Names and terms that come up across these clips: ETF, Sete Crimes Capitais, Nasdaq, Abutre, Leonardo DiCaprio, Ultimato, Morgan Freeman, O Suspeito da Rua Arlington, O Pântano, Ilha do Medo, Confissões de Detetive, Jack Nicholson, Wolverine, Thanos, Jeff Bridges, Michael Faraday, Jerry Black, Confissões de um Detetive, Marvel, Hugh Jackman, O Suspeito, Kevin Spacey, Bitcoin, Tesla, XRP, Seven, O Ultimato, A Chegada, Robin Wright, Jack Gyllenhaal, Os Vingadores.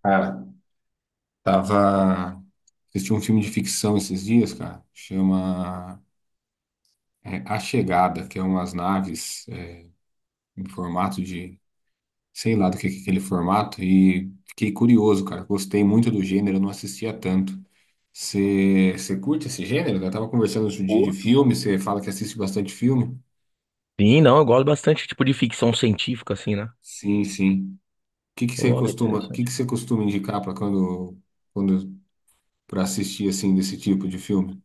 Cara, tava assistindo um filme de ficção esses dias, cara, chama A Chegada, que é umas naves em formato de, sei lá do que é aquele formato, e fiquei curioso, cara, gostei muito do gênero, eu não assistia tanto. Você curte esse gênero? Eu tava conversando outro dia de Curto. filme, você fala que assiste bastante filme? Sim, não, eu gosto bastante, tipo, de ficção científica, assim, né? Sim, sim. O que que você Pô, é costuma, o que interessante. que você costuma indicar para quando, para assistir assim desse tipo de filme?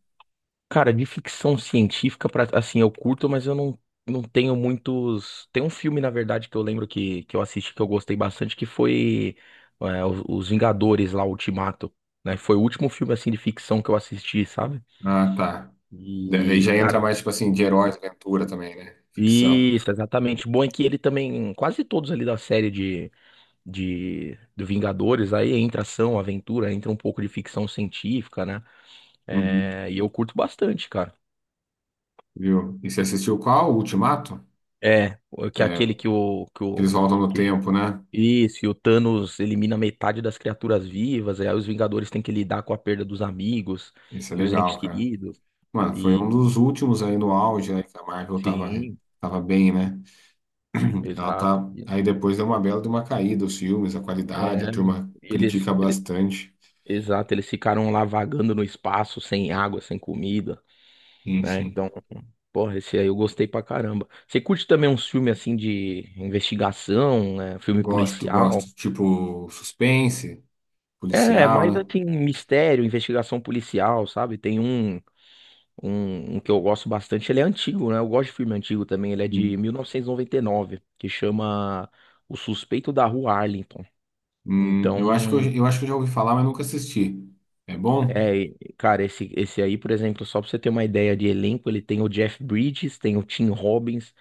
Cara, de ficção científica, pra, assim, eu curto, mas eu não tenho muitos. Tem um filme, na verdade, que eu lembro que eu assisti, que eu gostei bastante, que foi Os Vingadores, lá, Ultimato, né? Foi o último filme, assim, de ficção que eu assisti, sabe? Ah, tá. Aí E, já entra cara. mais, tipo assim, de herói, aventura também, né? Ficção. Isso, exatamente. Bom é que ele também, quase todos ali da série de do Vingadores, aí entra ação, aventura, entra um pouco de ficção científica, né? Uhum. É, e eu curto bastante, cara. Viu? E você assistiu qual? O Ultimato? É, o- que é É, aquele que o, que que o, eles voltam no que, tempo, né? isso, e o Thanos elimina metade das criaturas vivas, e aí os Vingadores têm que lidar com a perda dos amigos Esse é e os entes legal, cara. queridos, Mano, foi um e dos últimos aí no auge, né? Que a Marvel sim, tava bem, né? Ela exato. tá. Aí depois deu uma bela de uma caída, os filmes, a É, qualidade, a turma eles, critica ele- bastante. exato, eles ficaram lá vagando no espaço, sem água, sem comida, Sim, né? sim. Então, porra, esse aí eu gostei pra caramba. Você curte também uns filmes assim de investigação, né? Filme Gosto, policial? gosto. Tipo, suspense, É, policial, mais né? assim, mistério, investigação policial, sabe? Tem um que eu gosto bastante, ele é antigo, né? Eu gosto de filme antigo também, ele é de mil novecentos e noventa e nove, que chama O Suspeito da Rua Arlington. Então, Eu acho que eu já ouvi falar, mas nunca assisti. É bom? é, cara, esse aí, por exemplo, só pra você ter uma ideia de elenco, ele tem o Jeff Bridges, tem o Tim Robbins,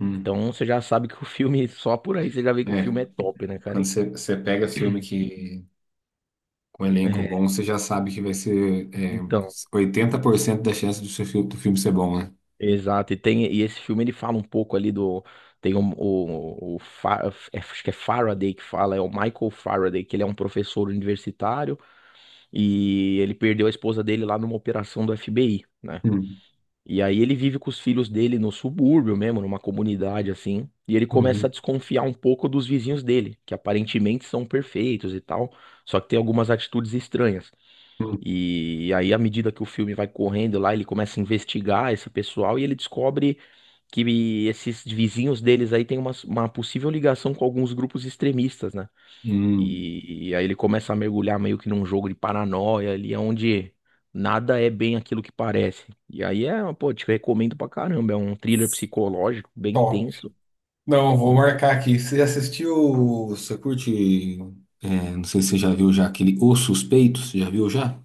Hum. então você já sabe que o filme, só por aí você já vê que o É, filme é top, né, cara? quando você pega filme que com elenco É, bom, você já sabe que vai ser então. 80% da chance do seu filme, do filme ser bom, né? Exato, e tem e esse filme ele fala um pouco ali do tem um- acho que é Faraday que fala, é o Michael Faraday, que ele é um professor universitário e ele perdeu a esposa dele lá numa operação do FBI, né? Hum, E aí ele vive com os filhos dele no subúrbio mesmo, numa comunidade assim, e ele começa a uhum, desconfiar um pouco dos vizinhos dele, que aparentemente são perfeitos e tal, só que tem algumas atitudes estranhas. hum, E, aí, à medida que o filme vai correndo lá, ele começa a investigar esse pessoal e ele descobre que esses vizinhos deles aí têm uma possível ligação com alguns grupos extremistas, né? hum. E, aí ele começa a mergulhar meio que num jogo de paranoia ali, onde nada é bem aquilo que parece. E aí é, pô, te recomendo pra caramba, é um thriller psicológico bem Top. tenso, Não, vou né? marcar aqui. Você assistiu, você curte, não sei se você já viu já aquele O Suspeito, você já viu já?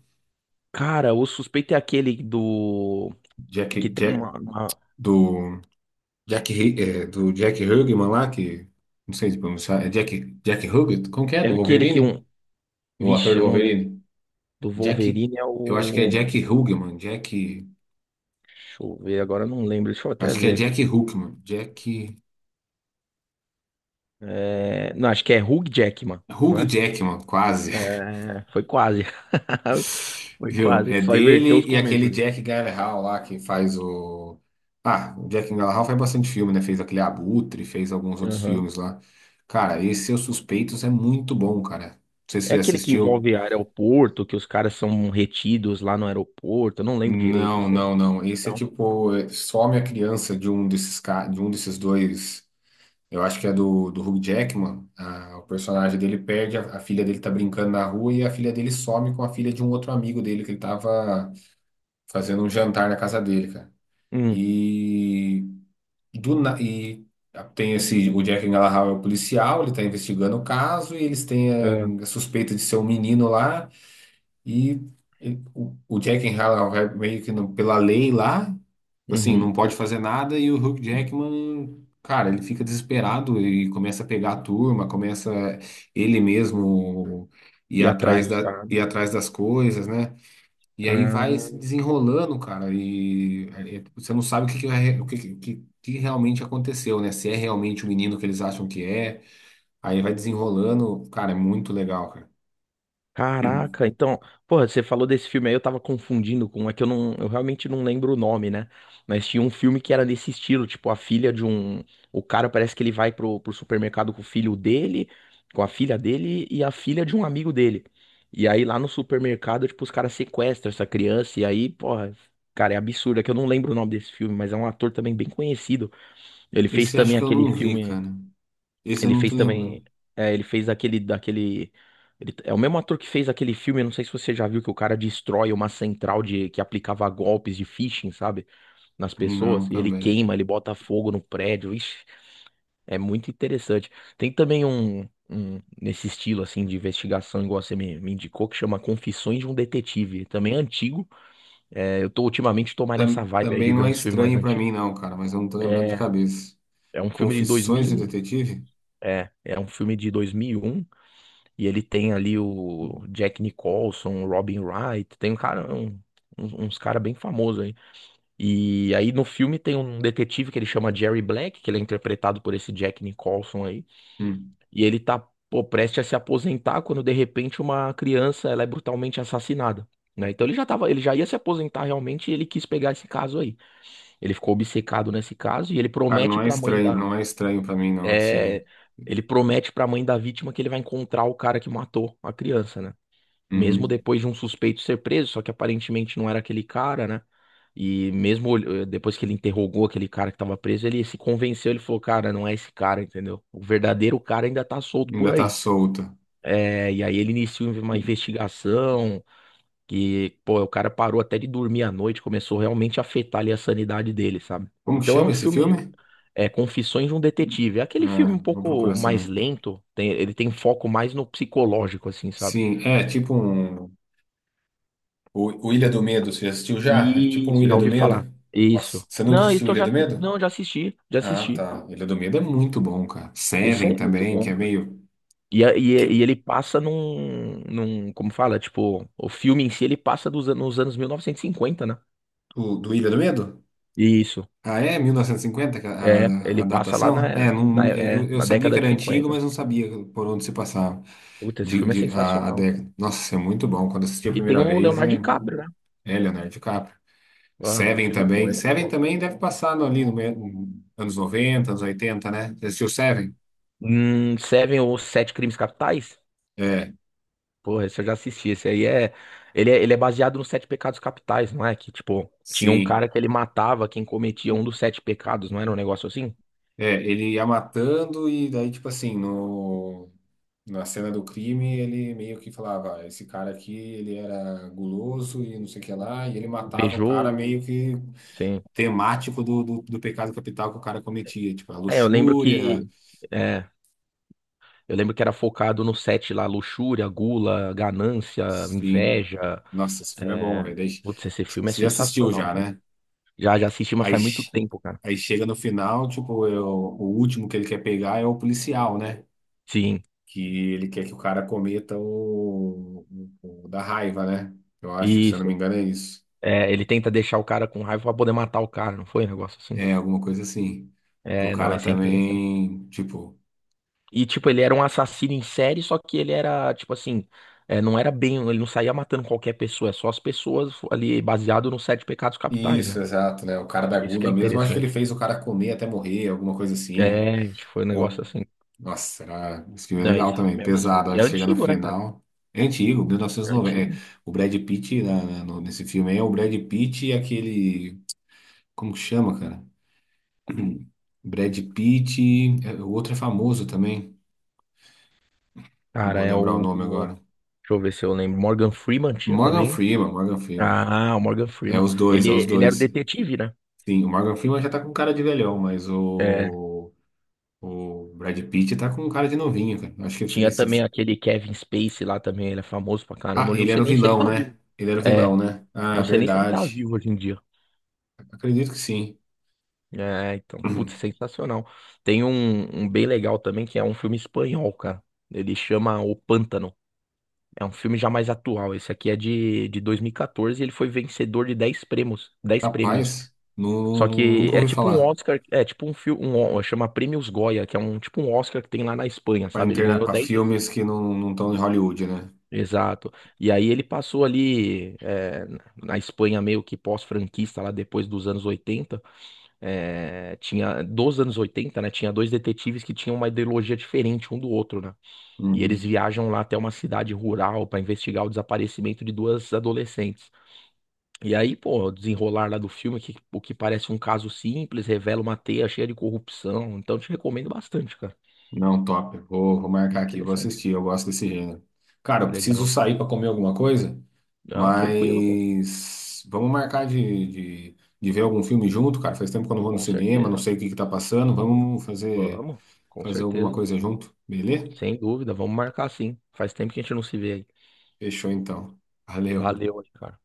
Cara, o suspeito é aquele do Jack, que tem Jack, uma, do Jack Hugman lá, que não sei se pronunciar, é Jack, Jack Hugget? Como que é? é Do aquele que Wolverine? um, O ator vixe, do eu não lembro, Wolverine? do Jack, Wolverine é eu acho que é o Jack Hugman, Deixa eu ver, agora eu não lembro. Deixa eu até acho que é ver aqui. Jack Hugman, Jack, É, não, acho que é Hugh Jackman, não Hugh é? Jackman, quase. É, foi quase. Foi Viu? quase. É Só inverteu dele os e começos aquele ali. Jack Gyllenhaal lá que faz o Ah, o Jack Gyllenhaal faz bastante filme, né? Fez aquele Abutre, fez alguns outros Aham. filmes lá. Cara, esse Seus Suspeitos é muito bom, cara. Não sei se É você já aquele que assistiu. envolve aeroporto, que os caras são retidos lá no aeroporto. Eu não lembro direito Não, isso aí. não, não. Esse é Não? tipo, é, some a criança de um de um desses dois. Eu acho que é do Hugh Jackman. Ah, o personagem dele perde, a filha dele tá brincando na rua e a filha dele some com a filha de um outro amigo dele que ele tava fazendo um jantar na casa dele, cara. Hum. E, e tem esse, o Jack Gyllenhaal é o policial, ele tá investigando o caso e eles É, têm a suspeita de ser um menino lá. E, o Jack Halal meio que pela lei lá, assim, uhum. não pode fazer nada e o Hugh Jackman, cara, ele fica desesperado e começa a pegar a turma, começa ele mesmo ir E atrás atrás dos caras. ir atrás das coisas, né? E aí vai Ah. se desenrolando, cara, você não sabe o que realmente aconteceu, né? Se é realmente o menino que eles acham que é, aí vai desenrolando, cara, é muito legal, cara. Caraca, então, porra, você falou desse filme aí, eu tava confundindo com, é que eu não, eu realmente não lembro o nome, né? Mas tinha um filme que era nesse estilo, tipo, a filha de um, o cara parece que ele vai pro, pro supermercado com o filho dele, com a filha dele e a filha de um amigo dele. E aí lá no supermercado, tipo, os caras sequestram essa criança e aí, porra, cara, é absurdo, é que eu não lembro o nome desse filme, mas é um ator também bem conhecido. Ele fez Esse também acho que eu aquele não vi, filme cara. Esse eu ele não tô fez também. lembrando. É, ele fez aquele, daquele. Ele- é o mesmo ator que fez aquele filme, eu não sei se você já viu, que o cara destrói uma central de que aplicava golpes de phishing, sabe? Nas Não, pessoas. E ele também. queima, ele bota fogo no prédio. Ixi, é muito interessante. Tem também um nesse estilo, assim, de investigação, igual você me, me indicou, que chama Confissões de um Detetive. Também é antigo. É, eu tô ultimamente tô mais nessa vibe aí de Também ver não é uns filmes mais estranho pra antigos. mim, não, cara, mas eu não tô lembrando de É, cabeça. é um filme de Confissões de 2001. Detetive? É, é um filme de 2001. E ele tem ali o Jack Nicholson, o Robin Wright, tem um cara, um- um- uns cara bem famosos aí. E aí no filme tem um detetive que ele chama Jerry Black, que ele é interpretado por esse Jack Nicholson aí. Hum. E ele tá, pô, prestes a se aposentar quando de repente uma criança ela é brutalmente assassinada. Né? Então ele já tava, ele já ia se aposentar realmente e ele quis pegar esse caso aí. Ele ficou obcecado nesse caso e ele Cara, promete pra mãe da, não é estranho pra mim, não, esse. é, ele promete pra mãe da vítima que ele vai encontrar o cara que matou a criança, né? Mesmo Uhum. depois de um suspeito ser preso, só que aparentemente não era aquele cara, né? E mesmo depois que ele interrogou aquele cara que tava preso, ele se convenceu, ele falou, cara, não é esse cara, entendeu? O verdadeiro cara ainda tá solto por Ainda tá aí. solta. É, e aí ele iniciou uma investigação que, pô, o cara parou até de dormir à noite, começou realmente a afetar ali a sanidade dele, sabe? Como que Então é chama um esse filme, filme? é Confissões de um Detetive. É aquele filme Ah, um vou pouco procurar mais saber. lento, tem- ele tem foco mais no psicológico, assim, sabe? Sim, é tipo um. O Ilha do Medo, você já assistiu já? É tipo um Isso, já Ilha do ouvi falar. Medo? Nossa, Isso. você nunca Não, isso assistiu eu Ilha já, do Medo? não, já assisti, já Ah, assisti. tá. Ilha do Medo é muito bom, cara. Esse Seven aí é muito também, que bom, é cara. meio. E, a- e, e Que... ele passa como fala, tipo, o filme em si ele passa dos, nos anos 1950, né? O, do Ilha do Medo? Isso, Ah, é? 1950 que é, ele a passa lá datação? na, Não, na, é, eu na sabia que década de era antigo, 50. mas não sabia por onde se passava Puta, esse filme é a sensacional, cara. década. Nossa, isso é muito bom. Quando assisti a E tem primeira o vez, Leonardo é, DiCaprio, né? é Leonardo DiCaprio. Ah, o Seven filme com também. ele é Seven top. também deve passar ali no, me- no- anos 90 anos oitenta, né? Você assistiu Seven? Seven ou Sete Crimes Capitais? É, Porra, esse eu já assisti. Esse aí é. Ele é, ele é baseado nos Sete Pecados Capitais, não é? Que, tipo, tinha um sim. cara que ele matava quem cometia um dos sete pecados, não era um negócio assim? É, ele ia matando e daí, tipo assim, no. Na cena do crime, ele meio que falava: "Ah, esse cara aqui, ele era guloso e não sei o que lá", e ele matava o cara Invejoso. meio que Sim. temático do pecado capital que o cara cometia, tipo, a É, eu lembro luxúria, que. É, eu lembro que era focado no sete lá: luxúria, gula, ganância, sim. inveja. Nossa, esse filme é bom, É. velho. Daí, Putz, esse filme é você já assistiu sensacional, já, cara. né? Já, já assisti, mas Aí, faz muito che- tempo, cara. aí chega no final, tipo, eu, o último que ele quer pegar é o policial, né? Sim, Que ele quer que o cara cometa o da raiva, né? Eu acho, se eu não me isso. engano, é isso. É, ele tenta deixar o cara com raiva pra poder matar o cara, não foi um negócio assim? É, alguma coisa assim. Pro É, não, cara esse é interessante. também, tipo. E, tipo, ele era um assassino em série, só que ele era, tipo assim, é, não era bem, ele não saía matando qualquer pessoa, é só as pessoas ali, baseado nos sete pecados capitais, Isso, né? exato, né? O cara da Isso que gula é mesmo, acho que ele interessante. fez o cara comer até morrer, alguma coisa assim. É, tipo, foi um negócio Ou. assim. Nossa, era... esse filme é Não, esse legal também, filme é pesado. absurdo. A E hora é que chega no antigo, né, cara? final. É antigo, É 1990. É, antigo. o Brad Pitt nesse filme aí, é o Brad Pitt e aquele. Como que chama, cara? Brad Pitt, é, o outro é famoso também. Não Cara, vou é lembrar o o. nome O- agora. deixa eu ver se eu lembro. Morgan Freeman tinha Morgan também. Freeman, Morgan Freeman. Ah, o Morgan É Freeman. os dois, Ele, é os ele era o dois. detetive, né? Sim, o Morgan Freeman já tá com cara de velhão, mas É. O Brad Pitt tá com cara de novinho, cara. Acho que Tinha também esse. aquele Kevin Spacey lá também, ele é famoso pra caramba. Ah, Hoje eu ele não era sei o nem se ele vilão, tá né? vivo. Ele era o É, vilão, né? eu Ah, não sei nem se ele tá verdade. vivo hoje em dia. Acredito que sim. É, então, putz, sensacional. Tem um, um bem legal também, que é um filme espanhol, cara. Ele chama O Pântano. É um filme já mais atual. Esse aqui é de 2014 e quatorze e ele foi vencedor de 10 prêmios. 10 prêmios. Rapaz, Só que nunca é ouvi tipo um falar. Oscar, é tipo um filme, um, Ó- chama Prêmios Goya, que é um tipo um Oscar que tem lá na Espanha, Pra sabe? Ele interna... ganhou para 10 vezes. filmes que não estão em Hollywood, né? Exato. E aí ele passou ali é, na Espanha meio que pós-franquista lá depois dos anos 80. É, tinha dos anos 80, né? Tinha dois detetives que tinham uma ideologia diferente um do outro, né? E eles Uhum. viajam lá até uma cidade rural para investigar o desaparecimento de duas adolescentes. E aí, pô, o desenrolar lá do filme, que, o que parece um caso simples, revela uma teia cheia de corrupção. Então, te recomendo bastante, cara. Não, top. Vou Bem marcar aqui, vou interessante. assistir. Eu gosto desse gênero. Cara, eu preciso Legal. sair pra comer alguma coisa. Não, tranquilo, pô. Mas vamos marcar de ver algum filme junto, cara. Faz tempo que eu não vou no Com cinema, não certeza. sei o que que tá passando. Vamos, com Fazer alguma certeza. coisa junto, beleza? Sem dúvida, vamos marcar sim. Faz tempo que a gente não se vê aí. Fechou então. Valeu. Valeu aí, cara.